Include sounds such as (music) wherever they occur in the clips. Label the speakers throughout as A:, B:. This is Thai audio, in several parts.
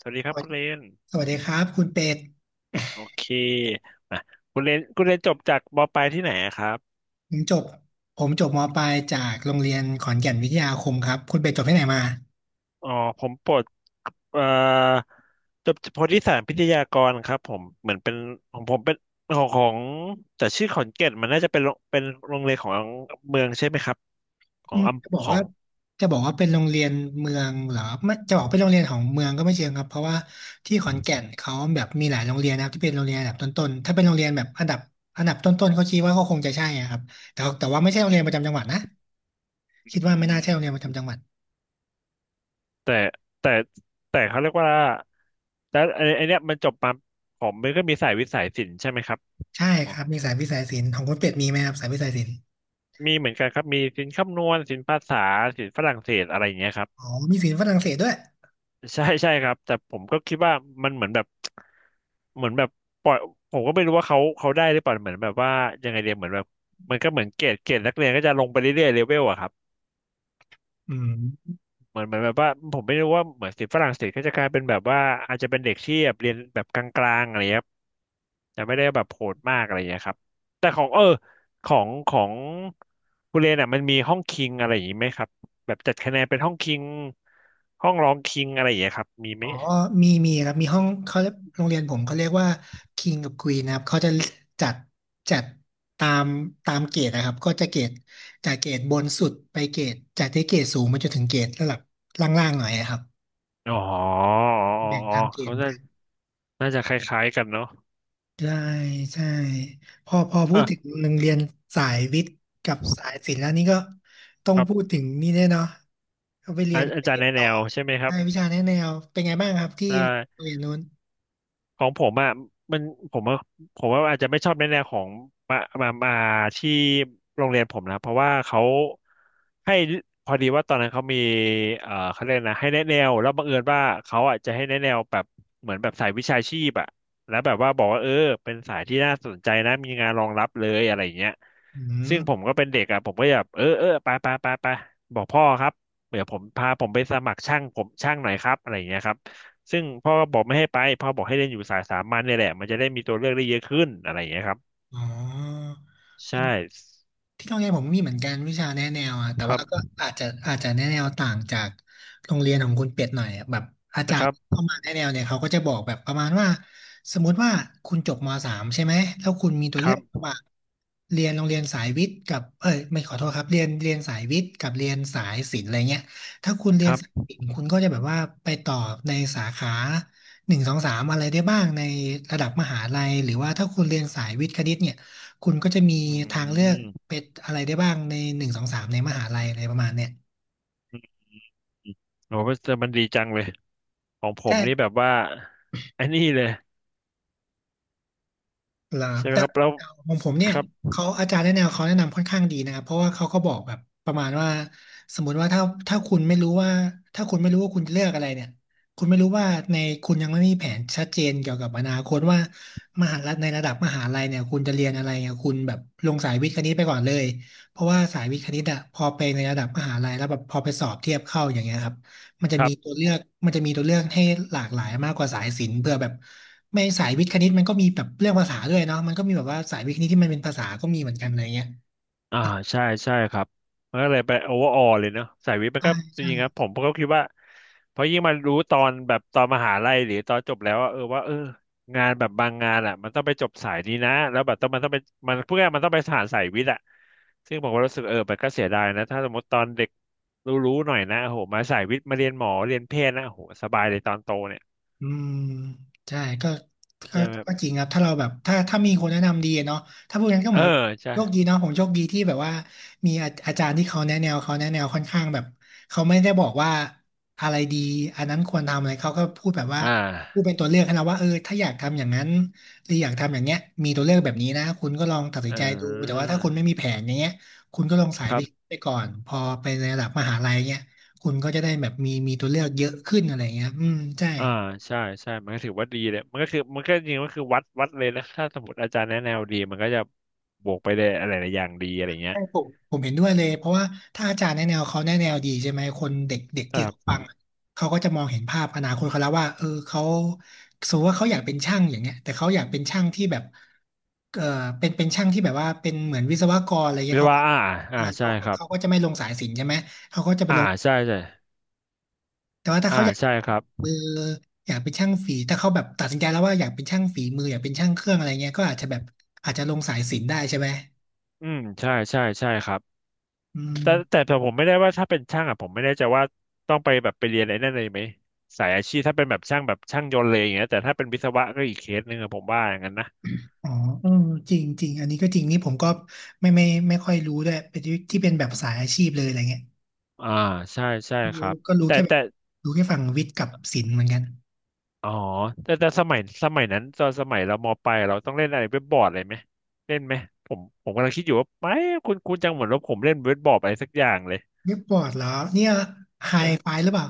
A: สวัสดีค
B: ส
A: รับ
B: วัส
A: คุณ
B: ดี
A: เรน
B: สวัสดีครับคุณเป็ด
A: โอเคอ่ะคุณเรนจบจากมปลายที่ไหนอะครับ
B: ผมจบผมจบมปลายจากโรงเรียนขอนแก่นวิทยาคมครับคุณเป็ดจบที่ไหนมา
A: อ๋อผมปลดเอ่อจบโพธิสารพิทยากรครับผมเหมือนเป็นของผมเป็นของแต่ชื่อขอนแก่นมันน่าจะเป็นโรงเรียนของเมืองใช่ไหมครับขอ
B: อื
A: ง
B: มจะบอ
A: อำ
B: ก
A: ขอ
B: ว่า
A: ง
B: จะบอกว่าเป็นโรงเรียนเมืองเหรอไม่จะบอกเป็นโรงเรียนของเมืองก็ไม่เชิงครับเพราะว่าที่ขอนแก่นเขาแบบมีหลายโรงเรียนนะครับที่เป็นโรงเรียนอันดับต้นๆถ้าเป็นโรงเรียนแบบอันดับต้นๆเขาคิดว่าก็คงจะใช่อะครับแต่ว่าไม่ใช่โรงเรียนประจำจังหวัดนะคิด
A: อื
B: ว่าไม่น่าใช่โรงเรียน
A: ม
B: ประจำจังหวัด
A: แต่แต่แต่เขาเรียกว่าแล้วไอ้เนี้ยมันจบมาผมมันก็มีสายวิทย์สัยศิลป์ใช่ไหมครับ
B: ใช่
A: อ๋
B: ค
A: อ
B: รับมีสายวิทย์สายศิลป์ของคุณเป็ดมีไหมครับสายวิทย์สายศิลป์
A: มีเหมือนกันครับมีศิลป์คำนวณศิลป์ภาษาศิลป์ฝรั่งเศสอะไรอย่างเงี้ยครับ
B: อ๋อมีศิลป์ฝรั่งเศสด้วย
A: ใช่ใช่ครับแต่ผมก็คิดว่ามันเหมือนแบบเหมือนแบบปล่อยผมก็ไม่รู้ว่าเขาได้หรือเปล่าเหมือนแบบว่ายังไงเดียเหมือนแบบมันก็เหมือนเกรดเกรดนักเรียนก็จะลงไปเรื่อยๆเลเวลอะครับ
B: อืม
A: เหมือนแบบว่าผมไม่รู้ว่าเหมือนศิษย์ฝรั่งเศสก็จะกลายเป็นแบบว่าอาจจะเป็นเด็กที่แบบเรียนแบบกลางๆอะไรเงี้ยครับแต่ไม่ได้แบบโหดมากอะไรอย่างเงี้ยครับแต่ของเออของคุณเรนอ่ะมันมีห้องคิงอะไรอย่างงี้ไหมครับแบบจัดคะแนนเป็นห้องคิงห้องรองคิงอะไรอย่างเงี้ยครับมีไห
B: อ๋
A: ม
B: อมีครับมีห้องเขาเรียกโรงเรียนผมเขาเรียกว่า King กับ Queen นะครับเขาจะจัดจัดตามตามเกรดนะครับก็จะเกรดจากเกรดบนสุดไปเกรดจากที่เกรดสูงมาจนถึงเกรดระดับล่างๆหน่อยนะครับ
A: อ๋ออ๋อ
B: แบ่ง
A: อ๋อ
B: ตามเกร
A: เขา
B: ด
A: น่า
B: กัน
A: น่าจะคล้ายๆกันเนาะ
B: ใช่ใช่พอพูดถึง
A: อ่ะ
B: โรงเรียนสายวิทย์กับสายศิลป์แล้วนี่ก็ต้องพูดถึงนี่แน่เนาะก็ไปเรี
A: อา
B: ยนไป
A: อาจาร
B: เรี
A: ย์
B: ย
A: ใน
B: น
A: แน
B: ต่อ
A: วใช่ไหมครั
B: ใช่
A: บ
B: วิชาแนะแนวเป็นไงบ้างครับที่
A: ใช่
B: โรงเรียนนู้น
A: ของผมอ่ะมันผมว่าผมว่าอาจจะไม่ชอบในแนวของมามาที่โรงเรียนผมนะเพราะว่าเขาให้พอดีว่าตอนนั้นเขามีเขาเรียกนะให้แนะแนวแล้วบังเอิญว่าเขาอ่ะจะให้แนะแนวแบบเหมือนแบบสายวิชาชีพอ่ะแล้วแบบว่าบอกว่าเออเป็นสายที่น่าสนใจนะมีงานรองรับเลยอะไรอย่างเงี้ย
B: อืม
A: ซึ่งผมก็เป็นเด็กอ่ะผมก็แบบเออเออไปไปไปไปบอกพ่อครับเดี๋ยวผมพาผมไปสมัครช่างผมช่างหน่อยครับอะไรอย่างเงี้ยครับ ซึ่งพ่อก็บอกไม่ให้ไปพ่อบอกให้เล่นอยู่สายสามัญเนี่ยแหละมันจะได้มีตัวเลือกได้เยอะขึ้นอะไรอย่างเงี้ยครับ
B: อ๋อ
A: ใช่
B: ที่โรงเรียนผมมีเหมือนกันวิชาแนะแนวอะแต่
A: ครั
B: ว่าก็
A: บ
B: อาจจะแนะแนวต่างจากโรงเรียนของคุณเป็ดหน่อยอะแบบอาจา
A: นะค
B: ร
A: รั
B: ย์
A: บ
B: เข้ามาแนะแนวเนี่ยเขาก็จะบอกแบบประมาณว่าสมมุติว่าคุณจบมสามใช่ไหมแล้วคุณมีตัว
A: ค
B: เลื
A: รั
B: อกระห
A: บ
B: ว่างเรียนโรงเรียนสายวิทย์กับเอ้ยไม่ขอโทษครับเรียนสายวิทย์กับเรียนสายศิลป์อะไรเงี้ยถ้าคุณเรี
A: ค
B: ยน
A: รับ
B: สายศิลป์คุณก็จะแบบว่าไปต่อในสาขาหนึ่งสองสามอะไรได้บ้างในระดับมหาลัยหรือว่าถ้าคุณเรียนสายวิทย์คณิตเนี่ย คุณก็จะมี
A: อื
B: ทางเลือก
A: ม
B: เป็นอะไรได้บ้างในหนึ่งสองสามในมหาลัยอะไรประมาณเนี่ย
A: อืมโอ้แต่มันดีจังเลยของผมนี่แบ
B: ใช่
A: บว่าไอ้นี่เลย
B: เหรอ
A: ใช่ไหม
B: แต่
A: ครับแล้ว
B: ของผมเนี่
A: ค
B: ย
A: รับ
B: เขาอาจารย์แนะแนวเขาแนะนำค่อนข้างดีนะครับเพราะว่าเขาก็บอกแบบประมาณว่าสมมติว่าถ้าคุณไม่รู้ว่าถ้าคุณไม่รู้ว่าคุณจะเลือกอะไรเนี่ยคุณไม่รู้ว่าในคุณยังไม่มีแผนชัดเจนเกี่ยวกับอนาคตว่ามหาลัยในระดับมหาลัยเนี่ยคุณจะเรียนอะไรเนี่ยคุณแบบลงสายวิทย์คณิตไปก่อนเลยเพราะว่าสายวิทย์คณิตอะพอไปในระดับมหาลัยแล้วแบบพอไปสอบเทียบเข้าอย่างเงี้ยครับ มันจะ
A: ครั
B: มีตั
A: บ
B: วเลือกมันจะมีตัวเลือกให้หลากหลายมากกว่าสายศิลป์เพื่อแบบไม่สายวิทย์คณิตมันก็มีแบบเรื่องภาษาด้วยเนาะมันก็มีแบบว่าสายวิทย์คณิตที่มันเป็นภาษาก็มีเหมือนกันอะไรเงี้ย
A: อ่าใช่ใช่ครับมันก็เลยไปโอเวอร์ออลเลยเนาะสายวิทย์มัน
B: ใช่
A: ก็จ
B: ใช่
A: ริงๆนะผมก็คิดว่าเพราะยิ่งมารู้ตอนแบบตอนมหาลัยหรือตอนจบแล้วว่าเออว่าเอองานแบบบางงานอ่ะมันต้องไปจบสายนี้นะแล้วแบบต้องมันต้องไปมันพวกนี้มันต้องไปสานสายวิทย์อ่ะซึ่งผมก็รู้สึกเออมันก็เสียดายนะถ้าสมมติตอนเด็กรู้ๆหน่อยนะโอ้โหมาสายวิทย์มาเรียนหมอเรียนแพทย์นะโอ้โหสบายเลยตอนโตเนี่ย
B: อืมใช่ก็
A: ใช่ไหม
B: ก็จริงครับถ้าเราแบบถ้ามีคนแนะนำดีเนาะถ้าพูดงั้นก็
A: เอ
B: เหมื
A: อ
B: อน
A: ใช่
B: โชคดีเนาะผมโชคดีที่แบบว่ามีอาอาจารย์ที่เขาแนะแนวเขาแนะแนวค่อนข้างแบบเขาไม่ได้บอกว่าอะไรดีอันนั้นควรทำอะไรเขาก็พูดแบบว่า
A: อ่
B: พูด
A: า
B: เป็นตัวเลือกให้เราว่าเออถ้าอยากทำอย่างนั้นหรืออยากทำอย่างเงี้ยมีตัวเลือกแบบนี้นะคุณก็ลองตัดสิ
A: เอ
B: นใจดูแต่ว่าถ้าคุณไม่
A: อ
B: มีแผนอย่างเงี้ยคุณก็ลองสาย
A: ครั
B: วิทย์
A: บ
B: ไปก่อนพอไประดับมหาลัยเงี้ยคุณก็จะได้แบบมีตัวเลือกเยอะขึ้นอะไรเงี้ยอืมใช่
A: อ่าใช่ใช่มันก็ถือว่าดีเลยมันก็คือมันก็จริงๆก็คือวัดเลยนะถ้าสมมติอาจารย์แนะแนวดีมันก็จะบวกไปได้อะไรหลายอย่างดีอะไรเงี้ย
B: ใช่ผมเห็นด้วยเลยเพราะว่าถ้าอาจารย์แนะแนวเขาแนะแนวดีใช่ไหมคนเด็กเด็ก
A: ค
B: ที่
A: รั
B: เขาฟั
A: บ
B: งอะเขาก็จะมองเห็นภาพอนาคตเขาแล้วว่าเออเขาสมมติว่าเขาอยากเป็นช่างอย่างเงี้ยแต่เขาอยากเป็นช่างที่แบบเออเป็นช่างที่แบบว่าเป็นเหมือนวิศวกรอะไรเงี้
A: วิ
B: ย
A: ศ
B: เขา
A: วะอ่าอ่า
B: อ่า
A: ใช่
B: เขา
A: ครั
B: เขาก็
A: บ
B: จะไม่ลงสายศิลป์ใช่ไหม
A: อ่าใช่ใช่
B: แต่ว่าถ้า
A: อ่า
B: เขาอยากเป็
A: ใช่
B: น
A: ครับ
B: มืออยากเป็นช่างฝีถ้าเขาแบบตัดสินใจแล้วว่าอยากเป็นช่างฝีมืออยากเป็นช่างเครื่องอะไรเงี้ยก็อาจจะแบบอาจจะลงสายศิลป์ได้ใช่ไหม
A: อืมใช่ใช่ใช่ครับ
B: อืม
A: แต่ผมไม่ได้ว่าถ้าเป็นช่างอ่ะผมไม่แน่ใจว่าต้องไปแบบไปเรียนอะไรนั่นเลยไหมสายอาชีพถ้าเป็นแบบช่างแบบช่างยนต์เลยอย่างเงี้ยแต่ถ้าเป็นวิศวะก็อีกเคสหนึ่งอะผมว่าอย่างนั้นนะ
B: อ๋อเออจริงจริงอันนี้ก็จริงนี่ผมก็ไม่ค่อยรู้ด้วยเป็นที่ที่เป็นแบบสายอาชีพเลยอะไรเงี้ย
A: อ่าใช่ใช่ครั
B: รู้
A: บ
B: ก็รู้
A: แต่
B: แค่แบบ
A: แต่
B: รู้แค่ฝั่งวิทย์กับศิลป์เหมือนกัน
A: อ๋อแต่แต่สมัยนั้นตอนสมัยเรามปลายเราต้องเล่นอะไรเว็บบอร์ดอะไรไหมเล่นไหมผมกำลังคิดอยู่ว่าไม่คุณจังเหมือนว่าผมเล่นเว็บบอร์ดอะไรสักอย่างเลย
B: เว็บบอร์ดเหรอเนี่ยไฮ
A: ใช่
B: ไฟหรือเปล่า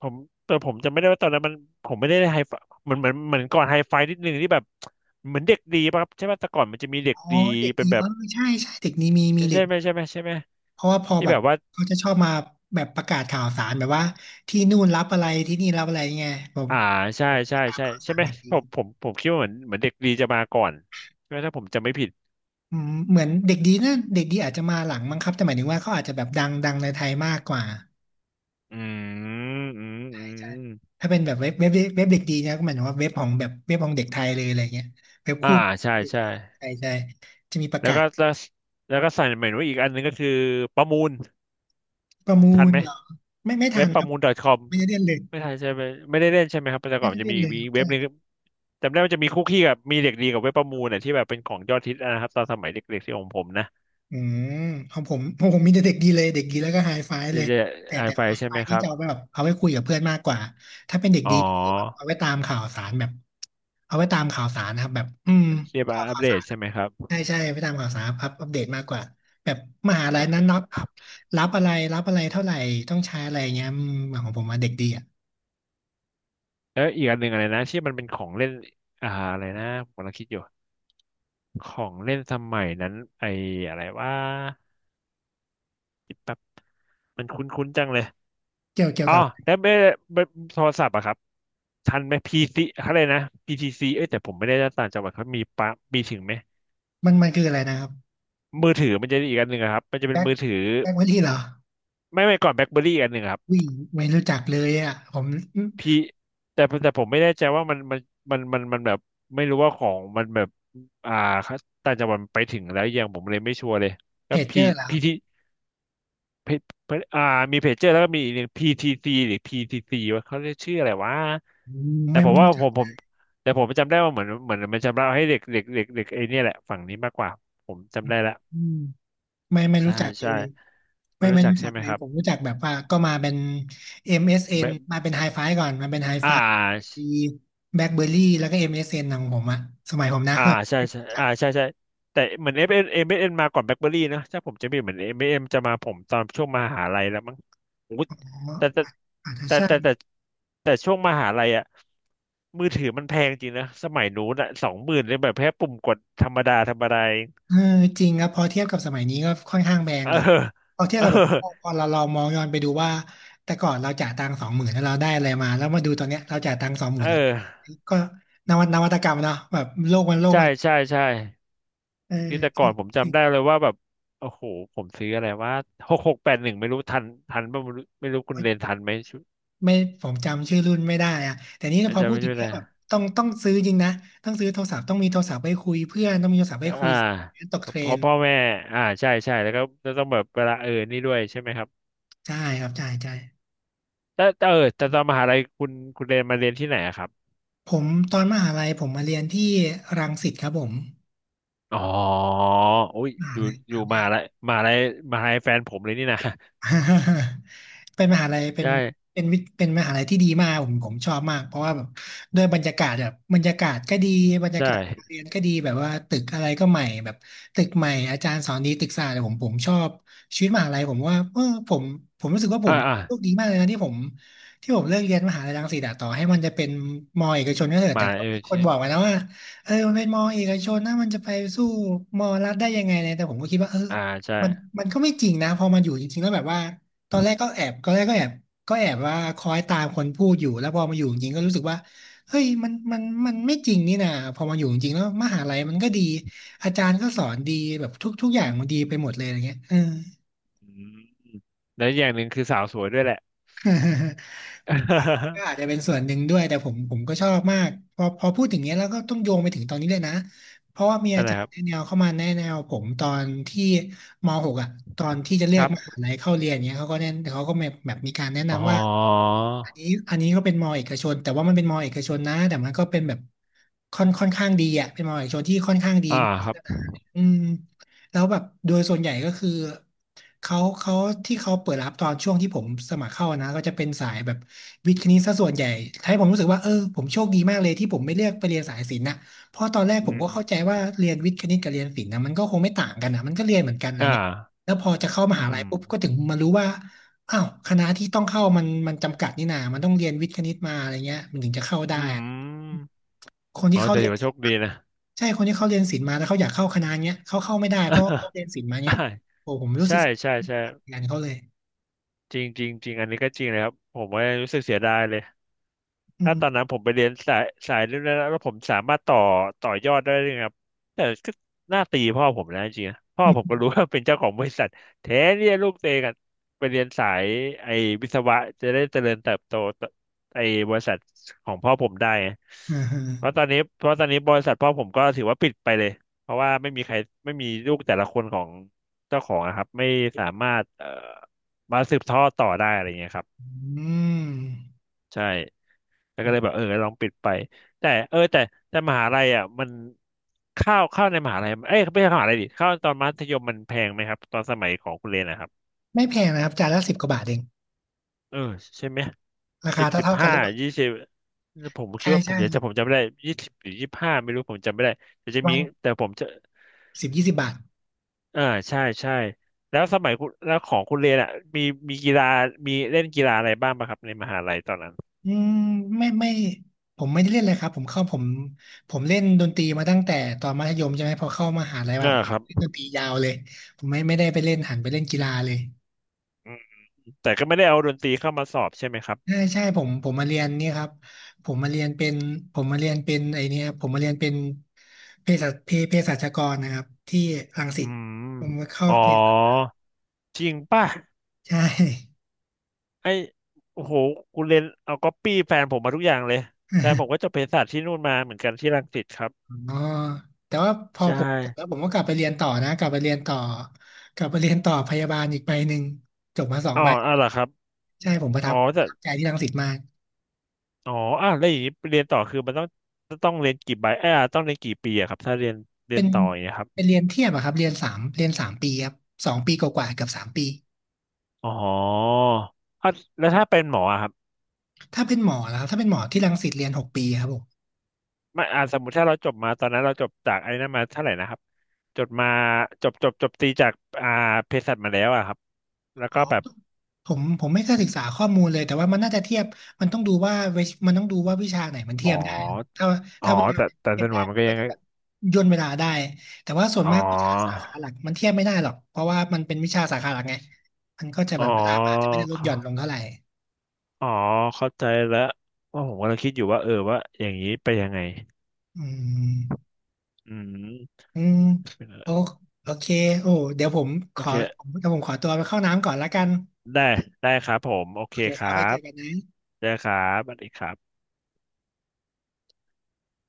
A: ผมแต่ผมจำไม่ได้ว่าตอนนั้นมันผมไม่ได้ไฮไฟเมันเหมือนก่อนไฮไฟนิดนึงที่แบบเหมือนเด็กดีป่ะครับใช่ป่ะแต่ก่อนมันจะมีเด็ก
B: อ๋อ
A: ดี
B: เด็ก
A: เป็น
B: ดี
A: แบ
B: เอ
A: บ
B: อใช่ใช่เด็กนี้มี
A: ใช่
B: มีเด็
A: ใช่
B: ก
A: ไหมใช่ไหมใช่ไหม
B: เพราะว่าพอ
A: ที่
B: แบ
A: แบ
B: บ
A: บว่า
B: เขาจะชอบมาแบบประกาศข่าวสารแบบว่าที่นู่นรับอะไรที่นี่รับอะไรไงผม
A: อ่าใช่
B: ผม
A: ใช่
B: ตาม
A: ใช่
B: ข่าว
A: ใช่
B: สาร
A: ไหม
B: เด็กดี
A: ผมคิดว่าเหมือนเด็กดีจะมาก่อนใช่ไหมถ้าผมจำไม่ผิด
B: อืมเหมือนเด็กดีนะเด็กดีอาจจะมาหลังมั้งครับแต่หมายถึงว่าเขาอาจจะแบบดังดังในไทยมากกว่า
A: อืมอืม
B: ใช่
A: อื
B: ใช่
A: ม
B: ถ้าเป็นแบบเว็บเด็กดีนะก็หมายถึงว่าเว็บของแบบเว็บของเด็กไทยเลยอะไรเงี้ยเว็บ
A: อ่า
B: คู่
A: ใช่
B: เด็ก
A: ใช่
B: ไทยใช่จะมีประ
A: แล้ว
B: กาศ
A: ก็แล้วแล้วก็สั่งเหมือนว่าอีกอันหนึงก็คือประมูล
B: ประมู
A: ทัน
B: ล
A: ไหม
B: เหรอไม่
A: เว็
B: ทั
A: บ
B: น
A: ป
B: ค
A: ระ
B: รับ
A: มูล .com
B: ไม่ได้เล่นเลย
A: ไม่ทันใช่ไหมไม่ได้เล่นใช่ไหมครับแต่ก่
B: ไม่
A: อนมั
B: ได้
A: นจะ
B: เล่
A: มี
B: น
A: อี
B: เล
A: ก
B: ยครับ
A: เว็บ
B: ใช่
A: หนึงจำได้ว่าจะมีคุกกี้กับมีเด็กดีกับเว็บประมูลเนี่ยที่แบบเป็นของยอดฮิตนะครับตอนสมัยเด็กๆที่ของผมนะ
B: อืมของผมมีแต่เด็กดีเลยเด็กดีแล้วก็ไฮไฟ
A: จะ
B: เลย
A: จะ
B: แต่
A: ไอ
B: แต่
A: ไฟ
B: ไฮ
A: ใช่
B: ไฟ
A: ไหมค
B: ที่
A: รับ
B: จะเอาไปแบบเอาไว้คุยกับเพื่อนมากกว่าถ้าเป็นเด็ก
A: อ๋อ
B: ดีนี่คือแบบเอาไว้ตามข่าวสารแบบเอาไว้ตามข่าวสารนะครับแบบอืม
A: เรียกว่า
B: ข่าว
A: อัป
B: ข่าว
A: เด
B: สา
A: ต
B: ร
A: ใช่ไหมครับ
B: ใช่ใช่ไปตามข่าวสารอัพอัปเดตมากกว่าแบบมหาลัยนั้นรับรับอะไรรับอะไรเท่าไหร่ต้องใช้อะไรเงี้ยอืมของผมมาเด็กดีอ่ะ
A: แล้วอีกอันหนึ่งอะไรนะที่มันเป็นของเล่นอะไรนะผมกำลังคิดอยู่ของเล่นสมัยนั้นไออะไรว่าแป๊บมันคุ้นๆจังเลย
B: เกี่ยว
A: อ๋อ
B: กับ
A: แล้วไม่โทรศัพท์อะครับทันไหม PC อะไรนะ PTC เอ้ยแต่ผมไม่ได้ต่างจังหวัดเขามีปะมีถึงไหม
B: มันคืออะไรนะครับ
A: มือถือมันจะอีกอันหนึ่งอะครับมันจะเป็น
B: แบ็ค
A: มือถือ
B: แบ็คไวที่เหรอ
A: ไม่ก่อนแบล็คเบอรี่อีกอันหนึ่งอะครับ
B: วิ่งไม่รู้จักเลยอ่ะผม
A: พี่แต่ผมไม่แน่ใจว่ามันมันแบบไม่รู้ว่าของมันแบบอ่าต่างจังหวัดมันไปถึงแล้วยังผมเลยไม่ชัวร์เลย
B: เพ
A: แล้ว
B: จ
A: P
B: เจอร์เหรอครับ
A: PT เพอ่ามีเพจเจอร์แล้วก็มีอีกหนึ่ง PTC หรือ PTC ว่าเขาเรียกชื่ออะไรวะ
B: อืม
A: แต่
B: ไม่
A: ผม
B: ไม่
A: ว่า
B: รู้จั
A: ผ
B: ก
A: มผมแต่ผมจำได้ว่าเหมือนมันจำเราให้เด็กเด็กเด็กเด็กไอ้เนี่ยแหละฝั่งนี้มากกว่าผมจำได้ละ
B: อืมไม่
A: ใช่
B: รู้จักเล
A: ใช่
B: ย
A: ไม่
B: ไม่
A: รู้
B: ไม่
A: จัก
B: รู้จั
A: ใช่
B: ก
A: ไหม
B: เลย
A: ครับ
B: ผมรู้จักแบบว่าก็มาเป็น
A: แบ
B: MSN ม
A: บ
B: เอสเอ็นมาเป็นไฮไฟก่อนมาเป็นไฮ
A: อ่
B: ไฟ
A: า
B: มีแบล็คเบอร์รี่แล้วก็ MSN ของผมอะสมัยผมนะ
A: อ่า
B: สมัย
A: ใช่
B: ไม่
A: ใช่
B: รู้จัก
A: อ่าใช่ใช่แต่เหมือนเอฟมเอ็มเอ็มเอ็มมาก่อนแบล็คเบอรี่นะถ้าผมจะไม่ผิดเหมือนเอ็มเอ็มจะมาผมตอนช่วงมหาลัยแล้วมั้งโอ้โหแต่แต่
B: อาจจะ
A: แต่
B: ใช่
A: แต่แต่แต่ช่วงมหาลัยอะมือถือมันแพงจริงนะสมัยนู้นอะสองหมื่นเลยแบบแค่ปุ่มกดธรรมดาเอง
B: เออจริงครับพอเทียบกับสมัยนี้ก็ค่อนข้างแพง
A: เออ
B: ครับพอเทียบ
A: เออ
B: กับแบบพอเรามองย้อนไปดูว่าแต่ก่อนเราจ่ายตังค์สองหมื่นแล้วเราได้อะไรมาแล้วมาดูตอนเนี้ยเราจ่ายตังค์สองหมื่
A: เอ
B: นแล้ว
A: อ
B: ก็นวัตกรรมเนาะแบบโลกมันโลก
A: ใช่
B: มัน
A: ใช่ใช่
B: เออ
A: ที่แต่ก่
B: คื
A: อ
B: อ
A: นผม
B: คือ
A: จำได้เลยว่าแบบโอ้โหผมซื้ออะไรว่าหกแปดหนึ่งไม่รู้ทันป่ะไม่รู้คุณเรนทันไหมชุด
B: ไม่ผมจำชื่อรุ่นไม่ได้อะแต่นี่
A: อา
B: พอ
A: จาร
B: พู
A: ย์
B: ด
A: ไม่
B: ถึ
A: ช่
B: ง
A: วย
B: เนี้
A: แล
B: ยแบบต้องซื้อจริงนะต้องซื้อโทรศัพท์ต้องมีโทรศัพท์ไปคุยเพื่อนต้องมีโทรศัพท์ไปคุ
A: อ่า
B: ยตกเทร
A: เพ
B: น
A: ราะพ่อแม่ใช่ใช่แล้วก็จะต้องแบบเวลาเออนี่ด้วยใช่ไหมครับ
B: ใช่ครับใช่ใช่
A: แต่เออแต่ตอนมหาลัยคุณเรียนมาเรียนที่ไหนอะครับ
B: ผมตอนมหาลัยผมมาเรียนที่รังสิตครับผม
A: อ๋ออุ้ย
B: มหา
A: อยู่
B: ลัย
A: อยู่มหาลัยมหาลัยมหาลัยแฟนผมเลยนี่นะ
B: (laughs) เป็นมหาลัย
A: (laughs) ใช่
B: เป็นมหาลัยที่ดีมากผมชอบมากเพราะว่าแบบด้วยบรรยากาศแบบบรรยากาศก็ดีบรรยา
A: ใช่
B: กาศการเรียนก็ดีแบบว่าตึกอะไรก็ใหม่แบบตึกใหม่อาจารย์สอนดีตึกสะอาดผมชอบชีวิตมหาลัยผมว่าเออผมผมรู้สึกว่าผ
A: อ่า
B: ม
A: อ่า
B: โชคดีมากเลยนะที่ผมเลือกเรียนมหาลัยรังสิตอะต่อให้มันจะเป็นมอเอกชนก็เถอะแต่
A: มา
B: ก็
A: เออ
B: มีคน
A: ที่
B: บอกมานะว่าเออมันเป็นมอเอกชนนะมันจะไปสู้มอรัฐได้ยังไงเนี่ยแต่ผมก็คิดว่าเออ
A: อ่าใช่
B: มันมันก็ไม่จริงนะพอมันอยู่จริงๆแล้วแบบว่าตอนแรกก็แอบว่าคอยตามคนพูดอยู่แล้วพอมาอยู่จริงๆก็รู้สึกว่าเฮ้ยมันไม่จริงนี่นะพอมาอยู่จริงๆแล้วมหาลัยมันก็ดีอาจารย์ก็สอนดีแบบทุกอย่างมันดีไปหมดเลยอะไรเงี้ยเออ
A: อืมแล้วอย่างหนึ่งคือสาวสวยด้วยแหละ
B: (laughs) ก็อาจจะ
A: (laughs)
B: เป็นส่วนหนึ่งด้วยแต่ผมก็ชอบมากพอพูดถึงเนี้ยแล้วก็ต้องโยงไปถึงตอนนี้เลยนะเพราะว่ามี
A: นั่
B: อา
A: นแห
B: จา
A: ละค
B: ร
A: รั
B: ย์
A: บ
B: แนะแนวเข้ามาแนะแนวผมตอนที่มหกอ่ะตอนที่จะเลื
A: ค
B: อก
A: รั
B: ม
A: บ
B: หาลัยเข้าเรียนเนี้ยเขาก็แนะเขาก็แบบแบบมีการแนะ
A: อ๋อ
B: นำว่าอันนี้อันนี้ก็เป็นมอเอกชนแต่ว่ามันเป็นมอเอกชนนะแต่มันก็เป็นแบบค่อนข้างดีอ่ะเป็นมอเอกชนที่ค่อนข้างดี
A: อ่าครับ
B: อืมแล้วแบบโดยส่วนใหญ่ก็คือเขาที่เขาเปิดรับตอนช่วงที่ผมสมัครเข้านะก็จะเป็นสายแบบวิทย์คณิตซะส่วนใหญ่ให้ผมรู้สึกว่าเออผมโชคดีมากเลยที่ผมไม่เลือกไปเรียนสายศิลป์นะเพราะตอนแรก
A: อื
B: ผม
A: ม
B: ก็เข้าใจว่าเรียนวิทย์คณิตกับเรียนศิลป์นะมันก็คงไม่ต่างกันนะมันก็เรียนเหมือนกันอะไร
A: อ่า
B: เงี้ยแล้วพอจะเข้ามหา
A: อื
B: ลัย
A: ม
B: ปุ๊บก็ถึงมารู้ว่า อ้าวคณะที่ต้องเข้ามันจำกัดนี่นามันต้องเรียนวิทย์คณิตมาอะไรเงี้ยมันถึงจะเข้าได้
A: อื
B: อะ
A: ม
B: คน
A: อ๋
B: ที่
A: อ
B: เขา
A: แต่
B: เรี
A: ถื
B: ย
A: อ
B: น
A: ว่าโชคดีนะ
B: ใช่คนที่เขาเรียนศิลป์มาแล้วเขาอยากเข้าคณะเนี้ยเขาเข้าไม่ได้เพราะเขาเรียนศิลป์มาเนี้
A: อ่า
B: ยโอ้ผมรู้
A: ใช่
B: สึกเสี
A: ใช่ใช่
B: ยดายงานเขาเลย
A: จริงจริงจริงอันนี้ก็จริงเลยครับผมว่ารู้สึกเสียดายเลย
B: อื
A: ถ้าตอนนั้
B: ม
A: นผมไปเรียนสายเรื่องนั้นแล้วแล้วผมสามารถต่อยอดได้ด้วยครับแต่ก็น่าตีพ่อผมนะจริงๆนะพ่อ
B: อืม
A: ผมก็รู้ว่าเป็นเจ้าของบริษัทแท้เนี่ยลูกเตะกันไปเรียนสายไอ้วิศวะจะได้เจริญเติบโตต่อไอ้บริษัทของพ่อผมได้
B: อ่าฮะ
A: เพราะตอนนี้เพราะตอนนี้บริษัทพ่อผมก็ถือว่าปิดไปเลยเพราะว่าไม่มีใครไม่มีลูกแต่ละคนของเจ้าของนะครับไม่สามารถมาสืบทอดต่อได้อะไรเงี้ยครับ
B: อืม
A: ใช่ แล้ว
B: อื
A: ก็เล
B: ม
A: ยแบบเออลองปิดไปแต่เออแต่มหาลัยอ่ะมันข้าวในมหาลัยเอ้ยไม่ใช่มหาลัยดิข้าวตอนมัธยมมันแพงไหมครับตอนสมัยของคุณเรนนะครับ
B: ไม่แพงนะครับจานละสิบกว่าบาทเอง
A: เออใช่ไหม
B: ราคาเท่า
A: สิบ
B: เท่ากัน
A: ห้า
B: หรือเปล่า
A: ยี่สิบผมคิ
B: ใช่
A: ดว่าผ
B: ใช่
A: มจะจะผมจำไม่ได้ยี่สิบหรือยี่สิบห้าไม่รู้ผมจำไม่ได้แต่จะ
B: วั
A: มี
B: น
A: แต่ผมจะ
B: สิบยี่สิบบาท
A: อ่าใช่ใช่แล้วสมัยคุณแล้วของคุณเรยนอ่ะมีมีกีฬามีเล่นกีฬาอะไรบ้างปะครับในมหาลัยตอนนั้น
B: อืมไม่ไม่ผมไม่ได้เล่นเลยครับผมเข้าผมเล่นดนตรีมาตั้งแต่ตอนมัธยมใช่ไหมพอเข้ามหาลัยมา
A: อ่า
B: ผม
A: ครับ
B: เล่นดนตรียาวเลยผมไม่ได้ไปเล่นหันไปเล่นกีฬาเลย
A: อืมแต่ก็ไม่ได้เอาดนตรีเข้ามาสอบใช่ไหมครับ
B: ใช่ใช่ผมมาเรียนเนี่ยครับผมมาเรียนเป็นผมมาเรียนเป็นไอเนี่ยผมมาเรียนเป็นเภสัชกรนะครับที่รังสิ
A: อื
B: ต
A: ม
B: ผมมาเข้า
A: อ๋อ จริงป่ะ
B: ใช่
A: ไอโอ้โหกูเรียนเอาก๊อปปี้แฟนผมมาทุกอย่างเลยแฟนผมก็จบเภสัชที่นู่นมาเหมือนกันที่รังสิตครับ
B: อ๋อแต่ว่าพอ
A: ใช่
B: ผมจบแล้วผมก็กลับไปเรียนต่อนะ กลับไปเรียนต่อ กลับไปเรียนต่อพยาบาลอีกใบหนึ่งจบมาสอง
A: อ๋อ
B: ใบ
A: อ๋อเหรอครับ
B: ใช่ผมประ
A: อ๋
B: ทั
A: อ
B: บป
A: แต่
B: ระทับใจที่รังสิตมาก
A: อ๋ออ่ะแล้วอย่างนี้เรียนต่อคือมันต้องต้องเรียนกี่ใบเอ้ยอ่ะต้องเรียนกี่ปีอะครับถ้าเรียนเรี
B: เป็
A: ยน
B: น
A: ต่ออย่างเงี้ยครับ
B: เป็นเรียนเทียบอะครับเรียนสามปีครับ2 ปีกว่าๆเกือบสามปี
A: อ๋ออ่ะแล้วถ้าเป็นหมออะครับ
B: ถ้าเป็นหมอแล้วครับถ้าเป็นหมอที่รังสิตเรียน6 ปีครับผม
A: ไม่อ่ะสมมติถ้าเราจบมาตอนนั้นเราจบจากไอ้นั่นมาเท่าไหร่นะครับจบมาจบจบตีจากอ่าเภสัชมาแล้วอะครับแล้ว
B: อ๋อ
A: ก็แบบ
B: ผมไม่เคยศึกษาข้อมูลเลยแต่ว่ามันน่าจะเทียบมันต้องดูว่าวิมันต้องดูว่าวิชาไหนมันเที
A: อ๋อ
B: ยบได้ถ้า
A: อ๋อ
B: ถ้าวิชา
A: แต่
B: ไหน
A: แต่
B: เทียบ
A: จำน
B: ได้
A: วนใหญ่มัน
B: มัน
A: ก็
B: ก็
A: ยัง
B: จะแบบย่นเวลาได้แต่ว่าส่วน
A: อ๋อ
B: มากวิชาสาขาหลักมันเทียบไม่ได้หรอกเพราะว่ามันเป็นวิชาสาขาหลักไงมันก็จะ
A: อ๋
B: แบ
A: อ
B: บเวลามันอาจจะไม่ได้ลดหย่อนล
A: เข้า
B: งเท่าไหร่
A: อ๋อ เข้าใจแล้วว่าะผมกำลังคิดอยู่ว่า เออว่าอย่างนี้ไปยังไง
B: อืม
A: อืม
B: อืม
A: เป็นอะไร
B: โอโอเคโอ้เดี๋ยวผมข
A: โอ
B: อ
A: เค
B: เดี๋ยวผมขอตัวไปเข้าน้ำก่อนละกัน
A: ได้ ได้ครับผม โอ
B: โอ
A: เค
B: เค
A: ค
B: ครั
A: รั
B: บไว้เจ
A: บ
B: อกันนะ
A: ได้ครับสวัสดีครับ